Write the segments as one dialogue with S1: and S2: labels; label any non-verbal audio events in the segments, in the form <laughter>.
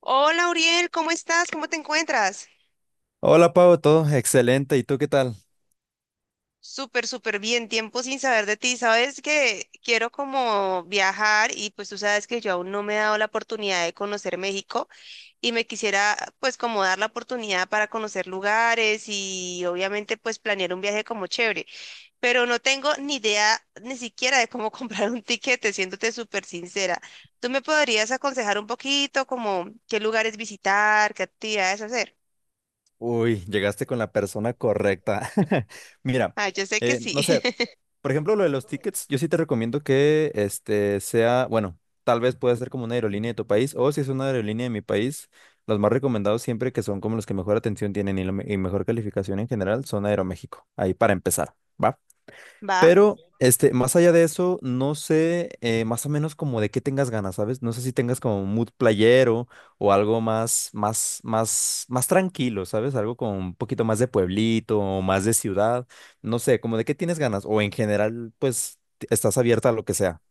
S1: Hola, Uriel, ¿cómo estás? ¿Cómo te encuentras?
S2: Hola Pau, todo excelente. ¿Y tú qué tal?
S1: Súper bien, tiempo sin saber de ti. Sabes que quiero como viajar y pues tú sabes que yo aún no me he dado la oportunidad de conocer México y me quisiera pues como dar la oportunidad para conocer lugares y obviamente pues planear un viaje como chévere, pero no tengo ni idea ni siquiera de cómo <laughs> comprar un tiquete, siéndote súper sincera. ¿Tú me podrías aconsejar un poquito como qué lugares visitar, qué actividades hacer?
S2: Uy, llegaste con la persona correcta. <laughs> Mira,
S1: Ah, yo sé que
S2: no
S1: sí.
S2: sé,
S1: <laughs>
S2: por ejemplo, lo de los tickets, yo sí te recomiendo que este sea, bueno, tal vez pueda ser como una aerolínea de tu país o si es una aerolínea de mi país, los más recomendados siempre que son como los que mejor atención tienen y, y mejor calificación en general son Aeroméxico. Ahí para empezar, ¿va?
S1: Va.
S2: Pero, este, más allá de eso, no sé más o menos como de qué tengas ganas, ¿sabes? No sé si tengas como un mood playero o algo más, más tranquilo, ¿sabes? Algo con un poquito más de pueblito o más de ciudad. No sé, como de qué tienes ganas. O en general, pues, estás abierta a lo que sea.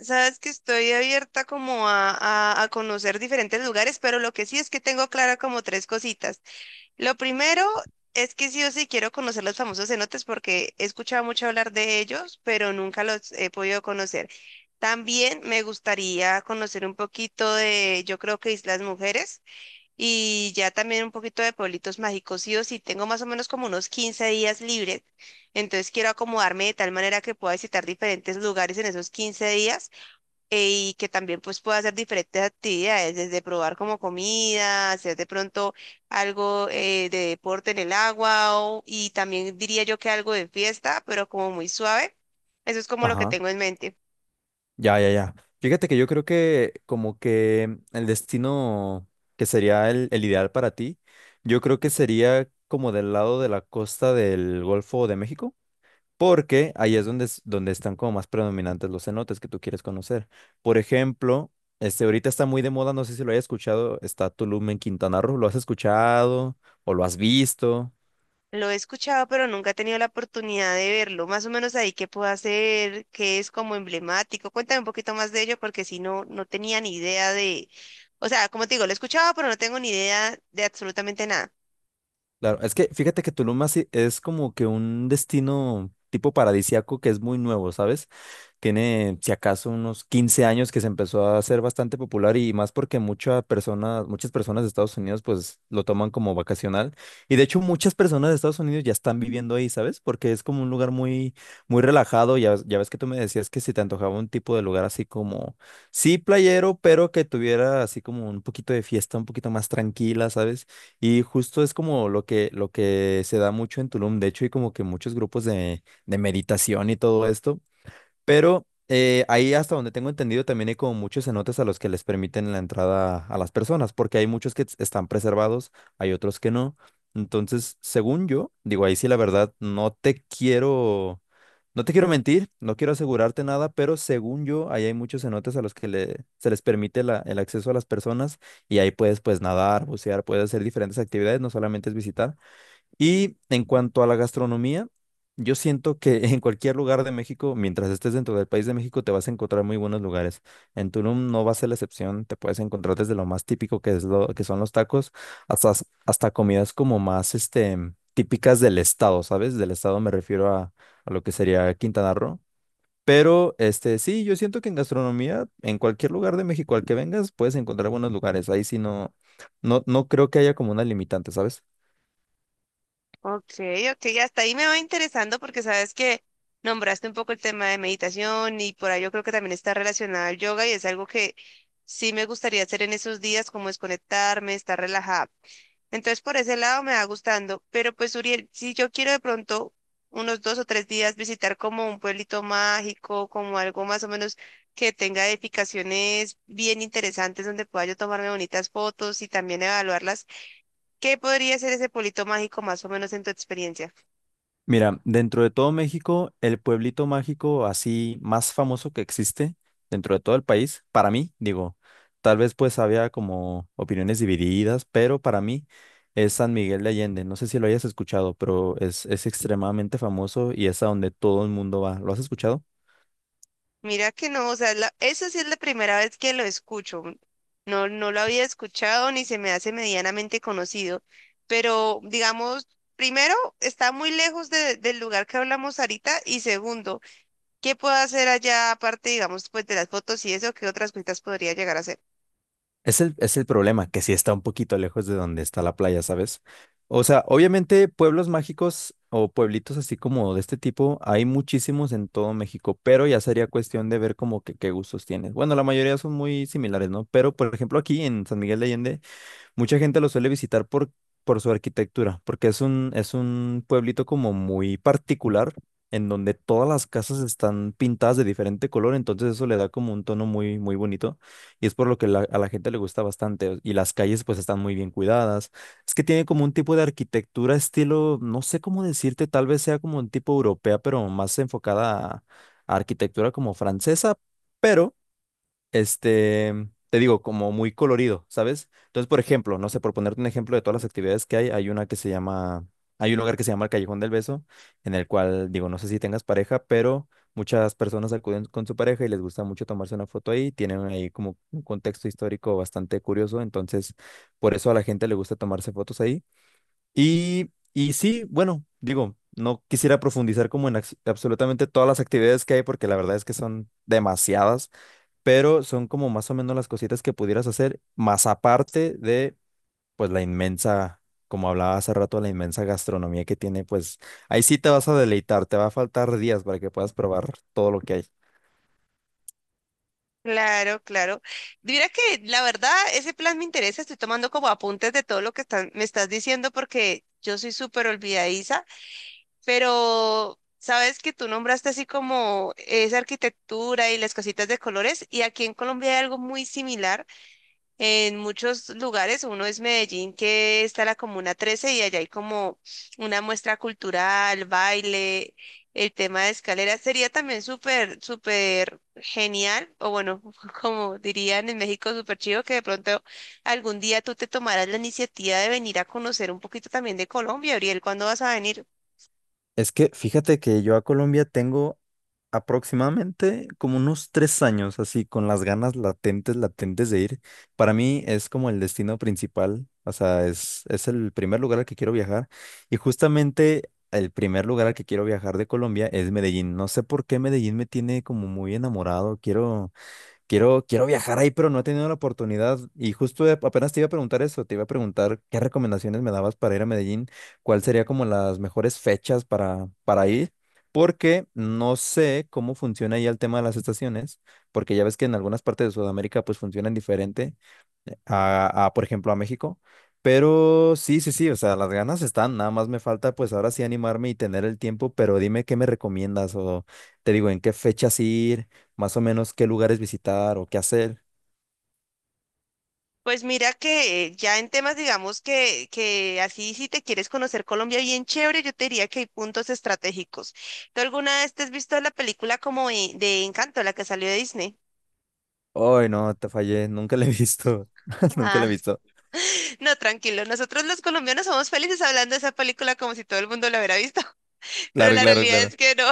S1: Sabes que estoy abierta como a conocer diferentes lugares, pero lo que sí es que tengo clara como tres cositas. Lo primero es que sí o sí quiero conocer los famosos cenotes porque he escuchado mucho hablar de ellos, pero nunca los he podido conocer. También me gustaría conocer un poquito de, yo creo que Islas Mujeres y ya también un poquito de pueblitos mágicos. Sí o sí, tengo más o menos como unos 15 días libres, entonces quiero acomodarme de tal manera que pueda visitar diferentes lugares en esos 15 días y que también pues pueda hacer diferentes actividades, desde probar como comida, hacer de pronto algo de deporte en el agua y también diría yo que algo de fiesta, pero como muy suave. Eso es como lo que
S2: Ajá.
S1: tengo en mente.
S2: Ya, ya, ya. Fíjate que yo creo que como que el destino que sería el ideal para ti, yo creo que sería como del lado de la costa del Golfo de México. Porque ahí es donde, donde están como más predominantes los cenotes que tú quieres conocer. Por ejemplo, este ahorita está muy de moda, no sé si lo hayas escuchado, está Tulum en Quintana Roo. ¿Lo has escuchado o lo has visto?
S1: Lo he escuchado, pero nunca he tenido la oportunidad de verlo. Más o menos ahí qué puedo hacer, qué es como emblemático. Cuéntame un poquito más de ello porque si no, no tenía ni idea de, o sea, como te digo, lo he escuchado, pero no tengo ni idea de absolutamente nada.
S2: Claro, es que fíjate que Tulum así es como que un destino tipo paradisiaco que es muy nuevo, ¿sabes? Tiene, si acaso, unos 15 años que se empezó a hacer bastante popular y más porque muchas personas de Estados Unidos pues lo toman como vacacional. Y de hecho muchas personas de Estados Unidos ya están viviendo ahí, ¿sabes? Porque es como un lugar muy, muy relajado. Ya, ya ves que tú me decías que si te antojaba un tipo de lugar así como, sí, playero, pero que tuviera así como un poquito de fiesta, un poquito más tranquila, ¿sabes? Y justo es como lo que se da mucho en Tulum, de hecho, y como que muchos grupos de meditación y todo esto pero ahí hasta donde tengo entendido también hay como muchos cenotes a los que les permiten la entrada a las personas, porque hay muchos que están preservados, hay otros que no. Entonces, según yo, digo, ahí sí la verdad, no te quiero, no te quiero mentir, no quiero asegurarte nada, pero según yo, ahí hay muchos cenotes a los que se les permite el acceso a las personas y ahí puedes pues nadar, bucear, puedes hacer diferentes actividades, no solamente es visitar. Y en cuanto a la gastronomía, yo siento que <laughs> en cualquier lugar de México, mientras estés dentro del país de México, te vas a encontrar muy buenos lugares. En Tulum no va a ser la excepción, te puedes encontrar desde lo más típico que es lo que son los tacos, hasta comidas como más este, típicas del estado, ¿sabes? Del estado me refiero a lo que sería Quintana Roo. Pero este sí, yo siento que en gastronomía, en cualquier lugar de México al que vengas, puedes encontrar buenos lugares. Ahí sí no, no creo que haya como una limitante, ¿sabes?
S1: Ok, ok, hasta ahí me va interesando porque sabes que nombraste un poco el tema de meditación y por ahí yo creo que también está relacionado al yoga y es algo que sí me gustaría hacer en esos días, como desconectarme, estar relajada. Entonces por ese lado me va gustando, pero pues Uriel, si yo quiero de pronto unos dos o tres días visitar como un pueblito mágico, como algo más o menos que tenga edificaciones bien interesantes donde pueda yo tomarme bonitas fotos y también evaluarlas. ¿Qué podría ser ese polito mágico más o menos en tu experiencia?
S2: Mira, dentro de todo México, el pueblito mágico así más famoso que existe dentro de todo el país, para mí, digo, tal vez pues había como opiniones divididas, pero para mí es San Miguel de Allende. No sé si lo hayas escuchado, pero es extremadamente famoso y es a donde todo el mundo va. ¿Lo has escuchado?
S1: Mira que no, o sea, eso sí es la primera vez que lo escucho. No, no lo había escuchado ni se me hace medianamente conocido, pero digamos, primero, está muy lejos del lugar que hablamos ahorita y segundo, ¿qué puedo hacer allá aparte, digamos, pues de las fotos y eso, qué otras cositas podría llegar a hacer?
S2: Es el problema, que sí está un poquito lejos de donde está la playa, ¿sabes? O sea, obviamente pueblos mágicos o pueblitos así como de este tipo hay muchísimos en todo México, pero ya sería cuestión de ver como que qué gustos tienes. Bueno, la mayoría son muy similares, ¿no? Pero, por ejemplo, aquí en San Miguel de Allende mucha gente lo suele visitar por su arquitectura, porque es un pueblito como muy particular, en donde todas las casas están pintadas de diferente color, entonces eso le da como un tono muy, muy bonito, y es por lo que a la gente le gusta bastante, y las calles pues están muy bien cuidadas. Es que tiene como un tipo de arquitectura, estilo, no sé cómo decirte, tal vez sea como un tipo europea, pero más enfocada a arquitectura como francesa, pero este, te digo, como muy colorido, ¿sabes? Entonces, por ejemplo, no sé, por ponerte un ejemplo de todas las actividades que hay una que se llama, hay un lugar que se llama el Callejón del Beso, en el cual, digo, no sé si tengas pareja, pero muchas personas acuden con su pareja y les gusta mucho tomarse una foto ahí, tienen ahí como un contexto histórico bastante curioso, entonces, por eso a la gente le gusta tomarse fotos ahí. Y sí, bueno, digo... No quisiera profundizar como en absolutamente todas las actividades que hay porque la verdad es que son demasiadas pero son como más o menos las cositas que pudieras hacer, más aparte de, pues, la inmensa, como hablaba hace rato, la inmensa gastronomía que tiene, pues, ahí sí te vas a deleitar, te va a faltar días para que puedas probar todo lo que hay.
S1: Claro, claro. Mira que la verdad, ese plan me interesa, estoy tomando como apuntes de todo lo que están, me estás diciendo porque yo soy súper olvidadiza, pero sabes que tú nombraste así como esa arquitectura y las cositas de colores, y aquí en Colombia hay algo muy similar. En muchos lugares, uno es Medellín, que está la Comuna 13, y allá hay como una muestra cultural, baile, el tema de escaleras. Sería también súper genial, o bueno, <laughs> como dirían en México, súper chido, que de pronto algún día tú te tomarás la iniciativa de venir a conocer un poquito también de Colombia, Ariel, ¿cuándo vas a venir?
S2: Es que fíjate que yo a Colombia tengo aproximadamente como unos 3 años, así con las ganas latentes, latentes de ir. Para mí es como el destino principal, o sea, es el primer lugar al que quiero viajar. Y justamente el primer lugar al que quiero viajar de Colombia es Medellín. No sé por qué Medellín me tiene como muy enamorado. Quiero... Quiero, quiero viajar ahí, pero no he tenido la oportunidad. Y justo apenas te iba a preguntar eso, te iba a preguntar qué recomendaciones me dabas para ir a Medellín, cuál sería como las mejores fechas para ir, porque no sé cómo funciona ahí el tema de las estaciones, porque ya ves que en algunas partes de Sudamérica pues funcionan diferente por ejemplo, a México. Pero sí, sí, sí, o sea, las ganas están, nada más me falta pues ahora sí animarme y tener el tiempo, pero dime qué me recomiendas o te digo en qué fechas ir, más o menos qué lugares visitar o qué hacer.
S1: Pues mira que ya en temas, digamos que así si te quieres conocer Colombia bien chévere, yo te diría que hay puntos estratégicos. ¿Tú alguna vez te has visto la película como de Encanto, la que salió de Disney?
S2: Ay, no, te fallé, nunca la he visto, <laughs> nunca la he
S1: Ah,
S2: visto.
S1: <laughs> No, tranquilo, nosotros los colombianos somos felices hablando de esa película como si todo el mundo la hubiera visto, <laughs> pero
S2: Claro,
S1: la
S2: claro,
S1: realidad
S2: claro.
S1: es que no.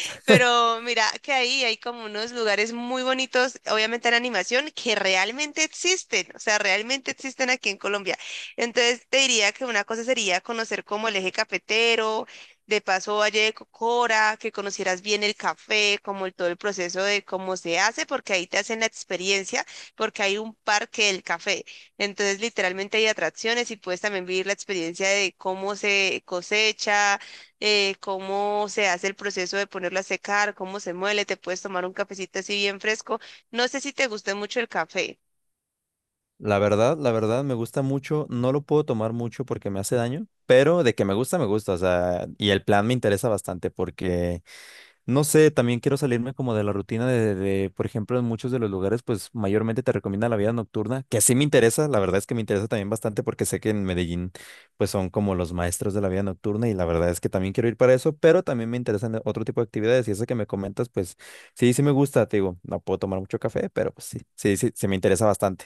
S2: <laughs>
S1: Pero mira que ahí hay como unos lugares muy bonitos, obviamente en animación, que realmente existen, o sea, realmente existen aquí en Colombia. Entonces te diría que una cosa sería conocer como el eje cafetero, de paso Valle de Cocora, que conocieras bien el café, como todo el proceso de cómo se hace, porque ahí te hacen la experiencia, porque hay un parque del café. Entonces literalmente hay atracciones y puedes también vivir la experiencia de cómo se cosecha cómo se hace el proceso de ponerlo a secar, cómo se muele, te puedes tomar un cafecito así bien fresco. No sé si te guste mucho el café.
S2: La verdad me gusta mucho, no lo puedo tomar mucho porque me hace daño, pero de que me gusta, o sea, y el plan me interesa bastante porque no sé, también quiero salirme como de la rutina de, por ejemplo, en muchos de los lugares, pues mayormente te recomienda la vida nocturna, que sí me interesa, la verdad es que me interesa también bastante porque sé que en Medellín, pues son como los maestros de la vida nocturna y la verdad es que también quiero ir para eso, pero también me interesan otro tipo de actividades y eso que me comentas, pues sí, sí me gusta, te digo, no puedo tomar mucho café, pero pues sí, sí me interesa bastante.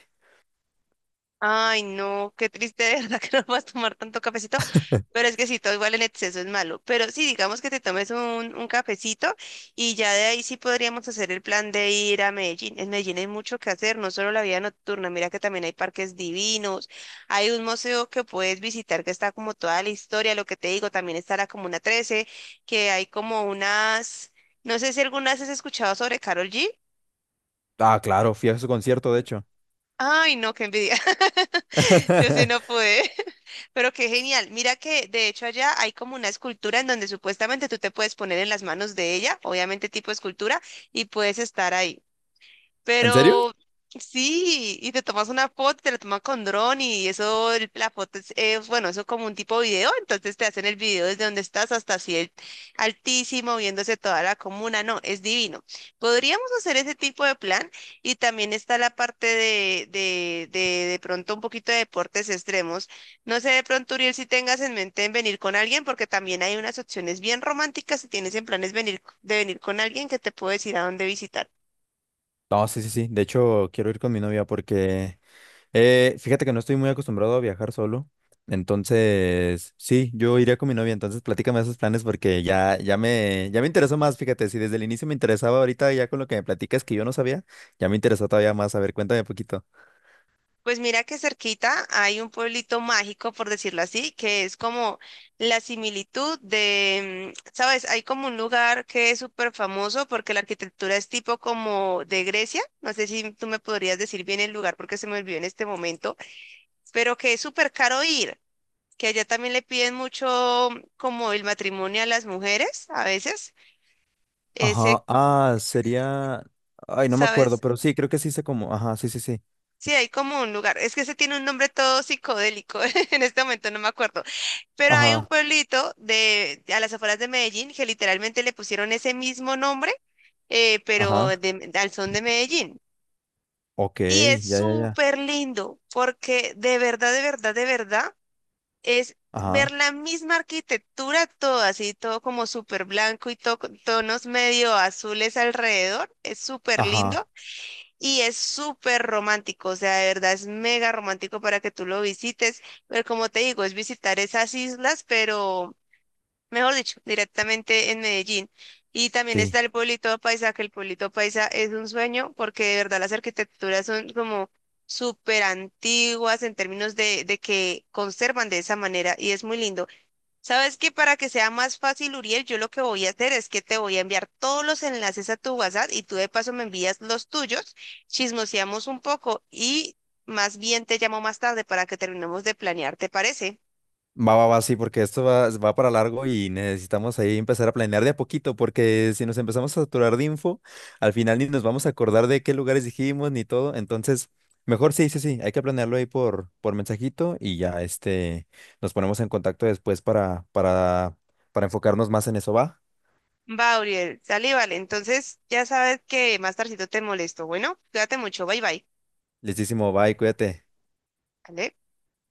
S1: Ay, no, qué triste, de verdad <laughs> que no vas a tomar tanto cafecito,
S2: <laughs>
S1: pero es que si todo igual en exceso es malo, pero sí, digamos que te tomes un cafecito y ya de ahí sí podríamos hacer el plan de ir a Medellín. En Medellín hay mucho que hacer, no solo la vida nocturna, mira que también hay parques divinos, hay un museo que puedes visitar que está como toda la historia, lo que te digo, también está la Comuna 13, que hay como unas, no sé si alguna vez has escuchado sobre Carol G.
S2: Ah, claro, fui a su concierto, de hecho.
S1: Ay, no, qué envidia. <laughs> <laughs> Yo sí no
S2: <laughs>
S1: pude, <laughs> pero qué genial. Mira que de hecho allá hay como una escultura en donde supuestamente tú te puedes poner en las manos de ella, obviamente tipo escultura, y puedes estar ahí.
S2: ¿En serio?
S1: Pero sí, y te tomas una foto, te la tomas con dron y eso, la foto es, bueno, eso como un tipo video, entonces te hacen el video desde donde estás hasta así altísimo, viéndose toda la comuna, no, es divino. Podríamos hacer ese tipo de plan y también está la parte de pronto un poquito de deportes extremos. No sé de pronto, Uriel, si tengas en mente en venir con alguien, porque también hay unas opciones bien románticas si tienes en planes venir, de venir con alguien que te puedo decir a dónde visitar.
S2: No, sí, sí, sí. De hecho, quiero ir con mi novia porque fíjate que no estoy muy acostumbrado a viajar solo. Entonces, sí, yo iría con mi novia. Entonces, platícame esos planes porque ya, ya me interesó más. Fíjate, si desde el inicio me interesaba ahorita ya con lo que me platicas que yo no sabía, ya me interesó todavía más. A ver, cuéntame un poquito.
S1: Pues mira que cerquita hay un pueblito mágico, por decirlo así, que es como la similitud de, ¿sabes? Hay como un lugar que es súper famoso porque la arquitectura es tipo como de Grecia. No sé si tú me podrías decir bien el lugar porque se me olvidó en este momento, pero que es súper caro ir, que allá también le piden mucho como el matrimonio a las mujeres a veces. Ese,
S2: Ajá, ah, sería, ay, no me acuerdo,
S1: ¿sabes?
S2: pero sí, creo que sí sé cómo. Ajá, sí, sí, sí.
S1: Sí, hay como un lugar. Es que ese tiene un nombre todo psicodélico. <laughs> En este momento no me acuerdo. Pero hay un
S2: Ajá,
S1: pueblito de, a las afueras de Medellín que literalmente le pusieron ese mismo nombre, pero
S2: ajá.
S1: al son de Medellín.
S2: Ok,
S1: Y es
S2: ya, ya, ya.
S1: súper lindo porque de verdad es ver
S2: Ajá,
S1: la misma arquitectura, todo así, todo como súper blanco y todo con tonos medio azules alrededor. Es súper lindo
S2: ajá.
S1: y es súper romántico. O sea, de verdad es mega romántico para que tú lo visites. Pero como te digo, es visitar esas islas, pero mejor dicho, directamente en Medellín. Y también está
S2: Sí.
S1: el pueblito paisa, que el pueblito paisa es un sueño porque de verdad las arquitecturas son como súper antiguas en términos de que conservan de esa manera y es muy lindo. ¿Sabes que Para que sea más fácil, Uriel, yo lo que voy a hacer es que te voy a enviar todos los enlaces a tu WhatsApp y tú de paso me envías los tuyos, chismoseamos un poco y más bien te llamo más tarde para que terminemos de planear, ¿te parece?
S2: Va, va, va, sí, porque esto va, va para largo y necesitamos ahí empezar a planear de a poquito, porque si nos empezamos a saturar de info, al final ni nos vamos a acordar de qué lugares dijimos ni todo. Entonces, mejor sí, sí, sí, hay que planearlo ahí por mensajito y ya este, nos ponemos en contacto después para enfocarnos más en eso, va.
S1: Va, Uriel, dale, vale. Entonces, ya sabes que más tardito te molesto. Bueno, cuídate mucho, bye bye.
S2: Listísimo, bye, cuídate.
S1: ¿Vale?